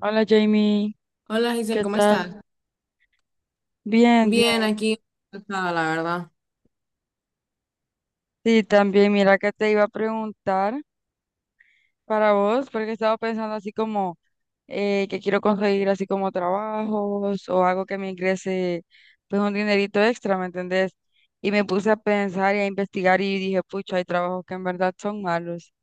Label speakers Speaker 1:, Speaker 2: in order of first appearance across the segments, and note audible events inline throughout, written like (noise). Speaker 1: Hola Jamie,
Speaker 2: Hola Giselle,
Speaker 1: ¿qué
Speaker 2: ¿cómo estás?
Speaker 1: tal? Bien, bien.
Speaker 2: Bien, aquí, cansada, la verdad.
Speaker 1: Sí, también mira que te iba a preguntar para vos, porque estaba pensando así como que quiero conseguir así como trabajos o algo que me ingrese pues un dinerito extra, ¿me entendés? Y me puse a pensar y a investigar y dije, pucha, hay trabajos que en verdad son malos. (laughs)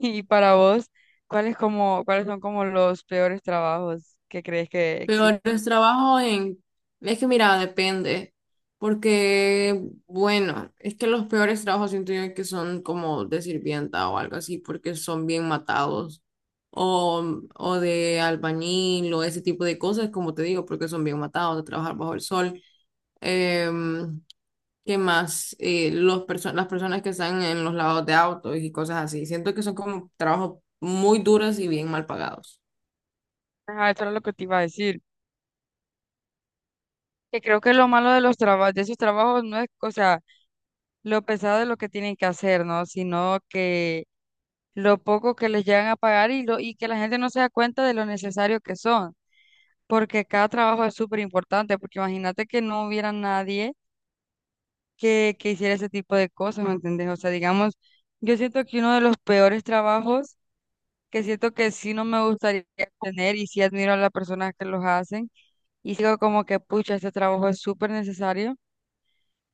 Speaker 1: Y para vos, cuáles son como los peores trabajos que crees que existen?
Speaker 2: Peores trabajo en... Es que mira, depende, porque, bueno, es que los peores trabajos siento yo que son como de sirvienta o algo así, porque son bien matados, o, o de albañil o ese tipo de cosas, como te digo, porque son bien matados de trabajar bajo el sol. Em, ¿Qué más? Las personas que están en los lados de autos y cosas así. Siento que son como trabajos muy duros y bien mal pagados.
Speaker 1: Ajá, eso era lo que te iba a decir. Que creo que lo malo de los trabajos, de esos trabajos no es, o sea, lo pesado de lo que tienen que hacer, ¿no? Sino que lo poco que les llegan a pagar y, lo, y que la gente no se da cuenta de lo necesario que son, porque cada trabajo es súper importante, porque imagínate que no hubiera nadie que, que hiciera ese tipo de cosas, ¿me entendés? O sea, digamos, yo siento que uno de los peores trabajos, que siento que sí no me gustaría tener y sí admiro a las personas que los hacen, y sigo como que, pucha, este trabajo es súper necesario,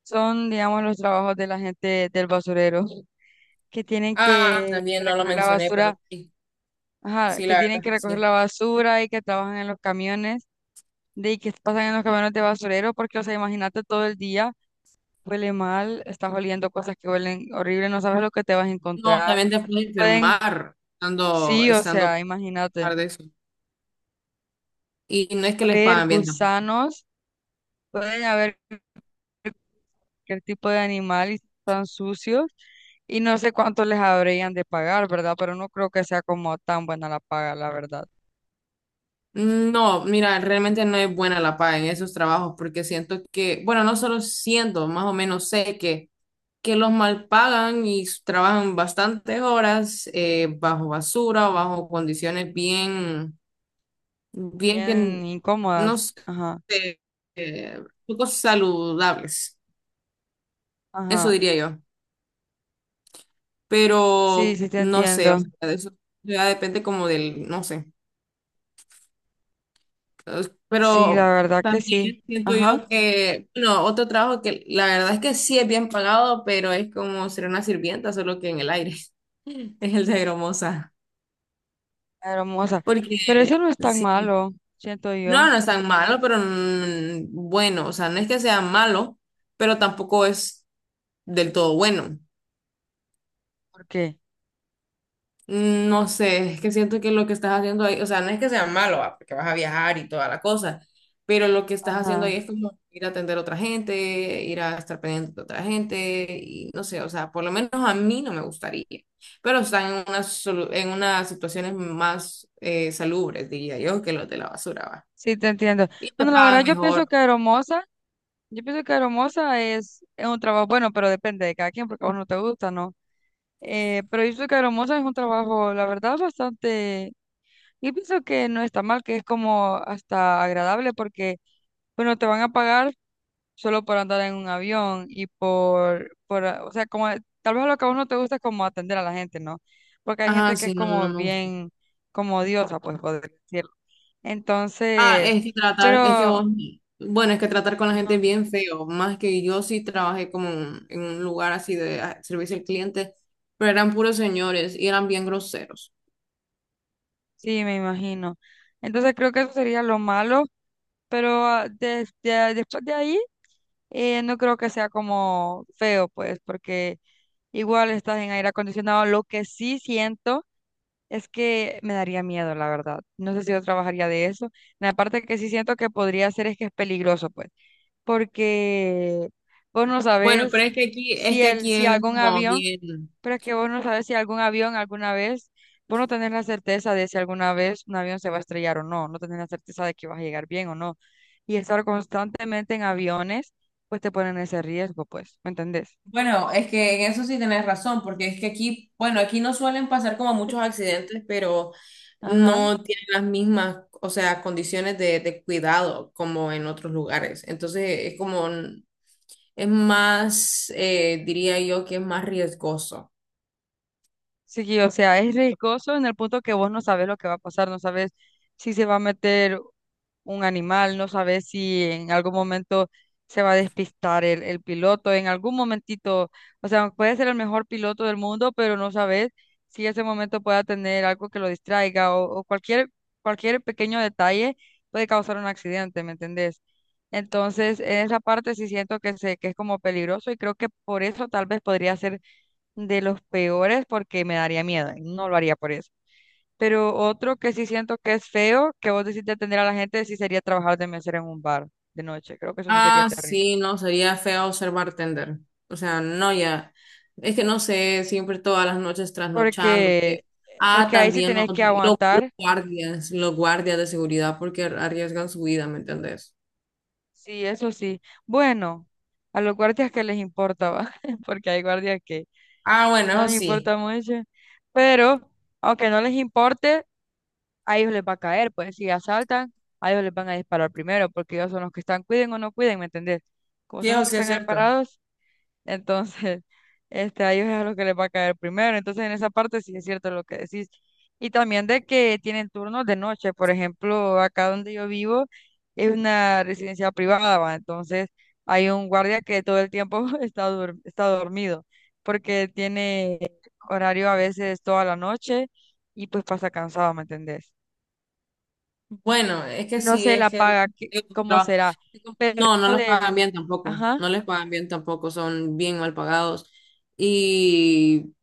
Speaker 1: son, digamos, los trabajos de la gente del basurero, que tienen
Speaker 2: Ah,
Speaker 1: que
Speaker 2: también no lo
Speaker 1: recoger la
Speaker 2: mencioné, pero
Speaker 1: basura,
Speaker 2: sí,
Speaker 1: ajá,
Speaker 2: sí,
Speaker 1: que
Speaker 2: la
Speaker 1: tienen
Speaker 2: verdad es
Speaker 1: que
Speaker 2: que
Speaker 1: recoger
Speaker 2: sí.
Speaker 1: la basura y que trabajan en los camiones, de y que pasan en los camiones de basurero, porque, o sea, imagínate todo el día, huele mal, estás oliendo cosas que huelen horrible, no sabes lo que te vas a
Speaker 2: No,
Speaker 1: encontrar.
Speaker 2: también te puedes
Speaker 1: Pueden,
Speaker 2: enfermar estando,
Speaker 1: sí, o
Speaker 2: estando
Speaker 1: sea, imagínate,
Speaker 2: trabajar de eso. Y no es que les
Speaker 1: haber
Speaker 2: pagan bien tampoco.
Speaker 1: gusanos, pueden haber cualquier tipo de animal y están sucios. Y no sé cuánto les habrían de pagar, ¿verdad? Pero no creo que sea como tan buena la paga, la verdad.
Speaker 2: No, mira, realmente no es buena la paga en esos trabajos porque siento que, bueno, no solo siento, más o menos sé que los mal pagan y trabajan bastantes horas bajo basura, bajo condiciones bien, bien que n-
Speaker 1: Bien
Speaker 2: no
Speaker 1: incómodas.
Speaker 2: sé,
Speaker 1: Ajá.
Speaker 2: poco saludables, eso
Speaker 1: Ajá.
Speaker 2: diría yo.
Speaker 1: Sí,
Speaker 2: Pero
Speaker 1: sí te
Speaker 2: no sé, o
Speaker 1: entiendo.
Speaker 2: sea, de eso ya depende como del, no sé.
Speaker 1: Sí, la
Speaker 2: Pero
Speaker 1: verdad que sí.
Speaker 2: también siento
Speaker 1: Ajá.
Speaker 2: yo que, bueno, otro trabajo que la verdad es que sí es bien pagado, pero es como ser una sirvienta, solo que en el aire, (laughs) es el de hermosa.
Speaker 1: Hermosa. Pero
Speaker 2: Porque
Speaker 1: eso no es tan
Speaker 2: sí,
Speaker 1: malo, siento
Speaker 2: no,
Speaker 1: yo.
Speaker 2: no es tan malo, pero bueno, o sea, no es que sea malo, pero tampoco es del todo bueno.
Speaker 1: ¿Por qué?
Speaker 2: No sé, es que siento que lo que estás haciendo ahí, o sea, no es que sea malo, va, porque vas a viajar y toda la cosa, pero lo que estás haciendo
Speaker 1: Ajá.
Speaker 2: ahí es como ir a atender a otra gente, ir a estar pendiente de otra gente, y no sé, o sea, por lo menos a mí no me gustaría, pero están en unas, en unas situaciones más salubres, diría yo, que los de la basura, va.
Speaker 1: Sí, te entiendo.
Speaker 2: Y te
Speaker 1: Bueno, la verdad
Speaker 2: pagan
Speaker 1: yo pienso
Speaker 2: mejor.
Speaker 1: que hermosa, yo pienso que hermosa es un trabajo bueno, pero depende de cada quien, porque a vos no te gusta, ¿no? Pero yo pienso que hermosa es un trabajo, la verdad, bastante, yo pienso que no está mal, que es como hasta agradable, porque, bueno, te van a pagar solo por andar en un avión y por, o sea, como tal vez lo que a vos no te gusta es como atender a la gente, ¿no? Porque hay
Speaker 2: Ajá,
Speaker 1: gente que es
Speaker 2: sí, no, no
Speaker 1: como
Speaker 2: me gusta.
Speaker 1: bien, como odiosa, pues poder decirlo.
Speaker 2: Ah,
Speaker 1: Entonces,
Speaker 2: es que tratar, es que
Speaker 1: pero,
Speaker 2: vos, bueno, es que tratar con la gente es
Speaker 1: ajá.
Speaker 2: bien feo, más que yo sí trabajé como en un lugar así de servicio al cliente, pero eran puros señores y eran bien groseros.
Speaker 1: Sí, me imagino. Entonces creo que eso sería lo malo, pero ah, después de ahí no creo que sea como feo, pues, porque igual estás en aire acondicionado. Lo que sí siento. Es que me daría miedo, la verdad. No sé si yo trabajaría de eso. La parte que sí siento que podría hacer es que es peligroso, pues, porque vos no
Speaker 2: Bueno, pero
Speaker 1: sabes
Speaker 2: es que aquí, es
Speaker 1: si
Speaker 2: que
Speaker 1: el,
Speaker 2: aquí
Speaker 1: si
Speaker 2: es
Speaker 1: algún
Speaker 2: como
Speaker 1: avión,
Speaker 2: bien.
Speaker 1: pero es que vos no sabes si algún avión alguna vez, vos no tenés la certeza de si alguna vez un avión se va a estrellar o no, no tenés la certeza de que vas a llegar bien o no. Y estar constantemente en aviones, pues te ponen ese riesgo, pues, ¿me entendés?
Speaker 2: Bueno, es que en eso sí tenés razón, porque es que aquí, bueno, aquí no suelen pasar como muchos accidentes, pero
Speaker 1: Ajá.
Speaker 2: no tienen las mismas, o sea, condiciones de cuidado como en otros lugares. Entonces, es como, es más, diría yo que es más riesgoso.
Speaker 1: Sí, o sea, es riesgoso en el punto que vos no sabes lo que va a pasar, no sabes si se va a meter un animal, no sabes si en algún momento se va a despistar el piloto, en algún momentito, o sea, puede ser el mejor piloto del mundo, pero no sabes si ese momento pueda tener algo que lo distraiga o, cualquier pequeño detalle puede causar un accidente, ¿me entendés? Entonces, en esa parte sí siento que, que es como peligroso y creo que por eso tal vez podría ser de los peores porque me daría miedo, y no lo haría por eso. Pero otro que sí siento que es feo, que vos decís de atender a la gente, sí sería trabajar de mesera en un bar de noche. Creo que eso sí sería
Speaker 2: Ah,
Speaker 1: terrible.
Speaker 2: sí, no, sería feo ser bartender. O sea, no, ya. Es que no sé, siempre todas las noches
Speaker 1: Porque,
Speaker 2: trasnochándote. Ah,
Speaker 1: porque ahí sí
Speaker 2: también los,
Speaker 1: tenés que aguantar,
Speaker 2: los guardias de seguridad porque arriesgan su vida, ¿me entendés?
Speaker 1: sí, eso sí. Bueno, a los guardias que les importa, ¿va? (laughs) Porque hay guardias
Speaker 2: Ah,
Speaker 1: que
Speaker 2: bueno,
Speaker 1: no
Speaker 2: eso
Speaker 1: les
Speaker 2: sí.
Speaker 1: importa mucho. Pero, aunque no les importe, a ellos les va a caer, pues si asaltan, a ellos les van a disparar primero, porque ellos son los que están, cuiden o no cuiden, ¿me entendés? Como
Speaker 2: Sí,
Speaker 1: son los
Speaker 2: eso
Speaker 1: que
Speaker 2: sí es
Speaker 1: están ahí
Speaker 2: cierto.
Speaker 1: parados, entonces (laughs) este, a ellos es a los que les va a caer primero. Entonces en esa parte sí es cierto lo que decís. Y también de que tienen turnos de noche, por ejemplo, acá donde yo vivo es una residencia privada, ¿va? Entonces hay un guardia que todo el tiempo (laughs) está, está dormido, porque tiene horario a veces toda la noche y pues pasa cansado, ¿me entendés?
Speaker 2: Bueno, es que
Speaker 1: Y no
Speaker 2: sí,
Speaker 1: sé
Speaker 2: es
Speaker 1: la
Speaker 2: que
Speaker 1: paga,
Speaker 2: el
Speaker 1: cómo
Speaker 2: tra-
Speaker 1: será. Pero
Speaker 2: no, no
Speaker 1: eso
Speaker 2: los pagan
Speaker 1: del,
Speaker 2: bien tampoco,
Speaker 1: ajá,
Speaker 2: no les pagan bien tampoco, son bien mal pagados. y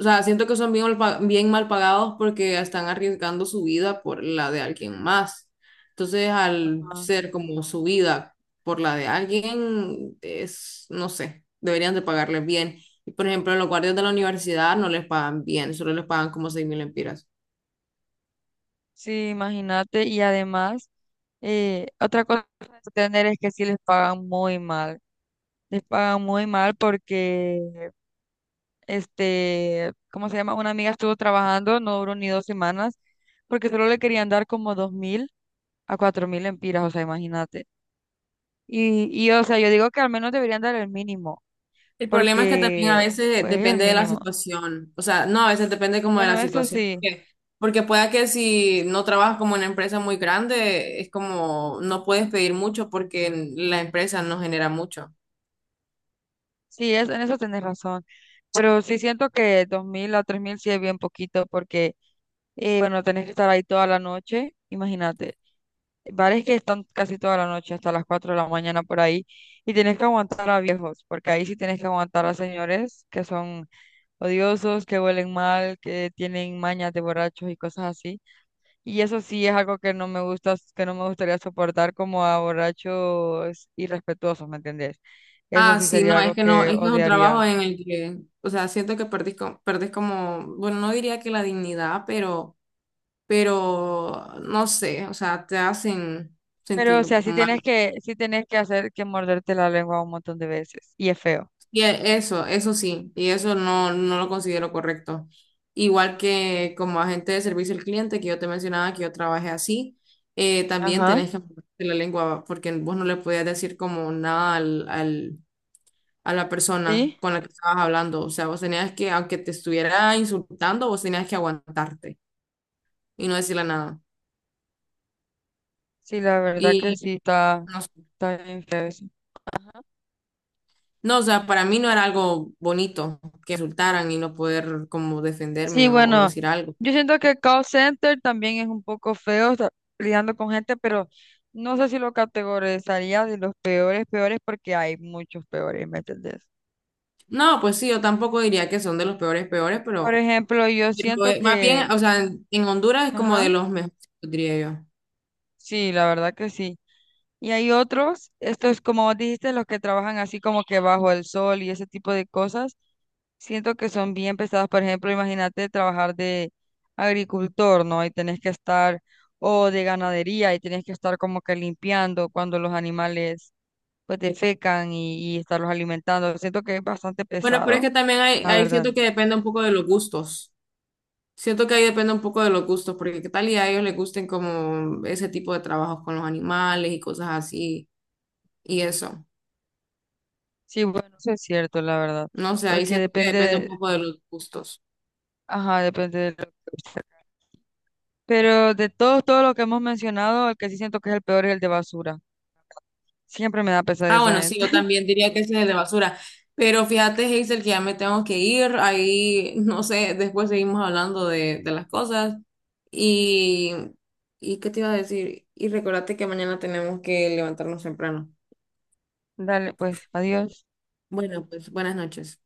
Speaker 2: O sea, siento que son bien, bien mal pagados porque están arriesgando su vida por la de alguien más. Entonces, al
Speaker 1: ajá,
Speaker 2: ser como su vida por la de alguien, es, no sé, deberían de pagarles bien. Y por ejemplo, los guardias de la universidad no les pagan bien, solo les pagan como 6.000 lempiras.
Speaker 1: sí, imagínate, y además, otra cosa que tener es que sí les pagan muy mal, les pagan muy mal porque, este, ¿cómo se llama? Una amiga estuvo trabajando, no duró ni 2 semanas, porque solo le querían dar como 2,000 a 4,000 empiras, o sea, imagínate. Y, o sea, yo digo que al menos deberían dar el mínimo,
Speaker 2: El problema es que también a
Speaker 1: porque,
Speaker 2: veces
Speaker 1: pues, es el
Speaker 2: depende de la
Speaker 1: mínimo.
Speaker 2: situación, o sea, no, a veces depende como de la
Speaker 1: Bueno, eso
Speaker 2: situación,
Speaker 1: sí.
Speaker 2: porque pueda que si no trabajas como en una empresa muy grande, es como no puedes pedir mucho porque la empresa no genera mucho.
Speaker 1: Sí, es, en eso tenés razón. Pero sí siento que 2,000 a 3,000 sí es bien poquito porque, bueno, tenés que estar ahí toda la noche. Imagínate, bares que están casi toda la noche hasta las 4 de la mañana por ahí y tenés que aguantar a viejos, porque ahí sí tenés que aguantar a señores que son odiosos, que huelen mal, que tienen mañas de borrachos y cosas así. Y eso sí es algo que no me gusta, que no me gustaría soportar como a borrachos irrespetuosos, ¿me entendés? Eso
Speaker 2: Ah,
Speaker 1: sí
Speaker 2: sí,
Speaker 1: sería
Speaker 2: no, es
Speaker 1: algo
Speaker 2: que no,
Speaker 1: que
Speaker 2: es que es un
Speaker 1: odiaría.
Speaker 2: trabajo en el que, o sea, siento que perdés como, bueno, no diría que la dignidad, no sé, o sea, te hacen
Speaker 1: Pero, o
Speaker 2: sentir
Speaker 1: sea,
Speaker 2: mal.
Speaker 1: sí tienes que hacer que morderte la lengua un montón de veces. Y es feo.
Speaker 2: Eso sí, y eso no, no lo considero correcto. Igual que como agente de servicio al cliente, que yo te mencionaba que yo trabajé así, también
Speaker 1: Ajá.
Speaker 2: tenés que manejarte la lengua, porque vos no le podías decir como nada a la persona
Speaker 1: Sí,
Speaker 2: con la que estabas hablando. O sea, vos tenías que, aunque te estuviera insultando, vos tenías que aguantarte y no decirle nada.
Speaker 1: sí, la verdad que
Speaker 2: Y
Speaker 1: sí, está,
Speaker 2: no sé.
Speaker 1: está bien feo eso.
Speaker 2: No, o sea, para mí no era algo bonito que insultaran y no poder como
Speaker 1: Sí,
Speaker 2: defenderme o
Speaker 1: bueno,
Speaker 2: decir algo.
Speaker 1: yo siento que call center también es un poco feo, o sea, lidiando con gente, pero no sé si lo categorizaría de los peores, peores, porque hay muchos peores, ¿me entendés?
Speaker 2: No, pues sí, yo tampoco diría que son de los peores, peores,
Speaker 1: Por
Speaker 2: pero,
Speaker 1: ejemplo, yo siento
Speaker 2: más
Speaker 1: que,
Speaker 2: bien, o sea, en Honduras es como de
Speaker 1: ajá,
Speaker 2: los mejores, diría yo.
Speaker 1: sí, la verdad que sí. Y hay otros, estos como vos dijiste, los que trabajan así como que bajo el sol y ese tipo de cosas, siento que son bien pesados. Por ejemplo, imagínate trabajar de agricultor, ¿no? Y tenés que estar, o de ganadería, y tenés que estar como que limpiando cuando los animales pues defecan y estarlos alimentando. Siento que es bastante
Speaker 2: Bueno, pero es
Speaker 1: pesado,
Speaker 2: que también
Speaker 1: la verdad.
Speaker 2: siento que depende un poco de los gustos. Siento que ahí depende un poco de los gustos, porque qué tal y a ellos les gusten como ese tipo de trabajos con los animales y cosas así, y eso.
Speaker 1: Sí, bueno, eso es cierto, la verdad.
Speaker 2: No sé, ahí
Speaker 1: Porque
Speaker 2: siento que
Speaker 1: depende,
Speaker 2: depende un
Speaker 1: de-
Speaker 2: poco de los gustos.
Speaker 1: ajá, depende de lo que usted. Pero de todos, todo lo que hemos mencionado, el que sí siento que es el peor es el de basura. Siempre me da pesar
Speaker 2: Ah,
Speaker 1: esa
Speaker 2: bueno,
Speaker 1: gente.
Speaker 2: sí, yo
Speaker 1: (laughs)
Speaker 2: también diría que ese es el de basura. Pero fíjate, Hazel, que ya me tengo que ir. Ahí, (laughs) no sé, después seguimos hablando de las cosas. Y ¿y qué te iba a decir? Y recordate que mañana tenemos que levantarnos temprano.
Speaker 1: Dale, pues, adiós.
Speaker 2: Bueno, pues buenas noches.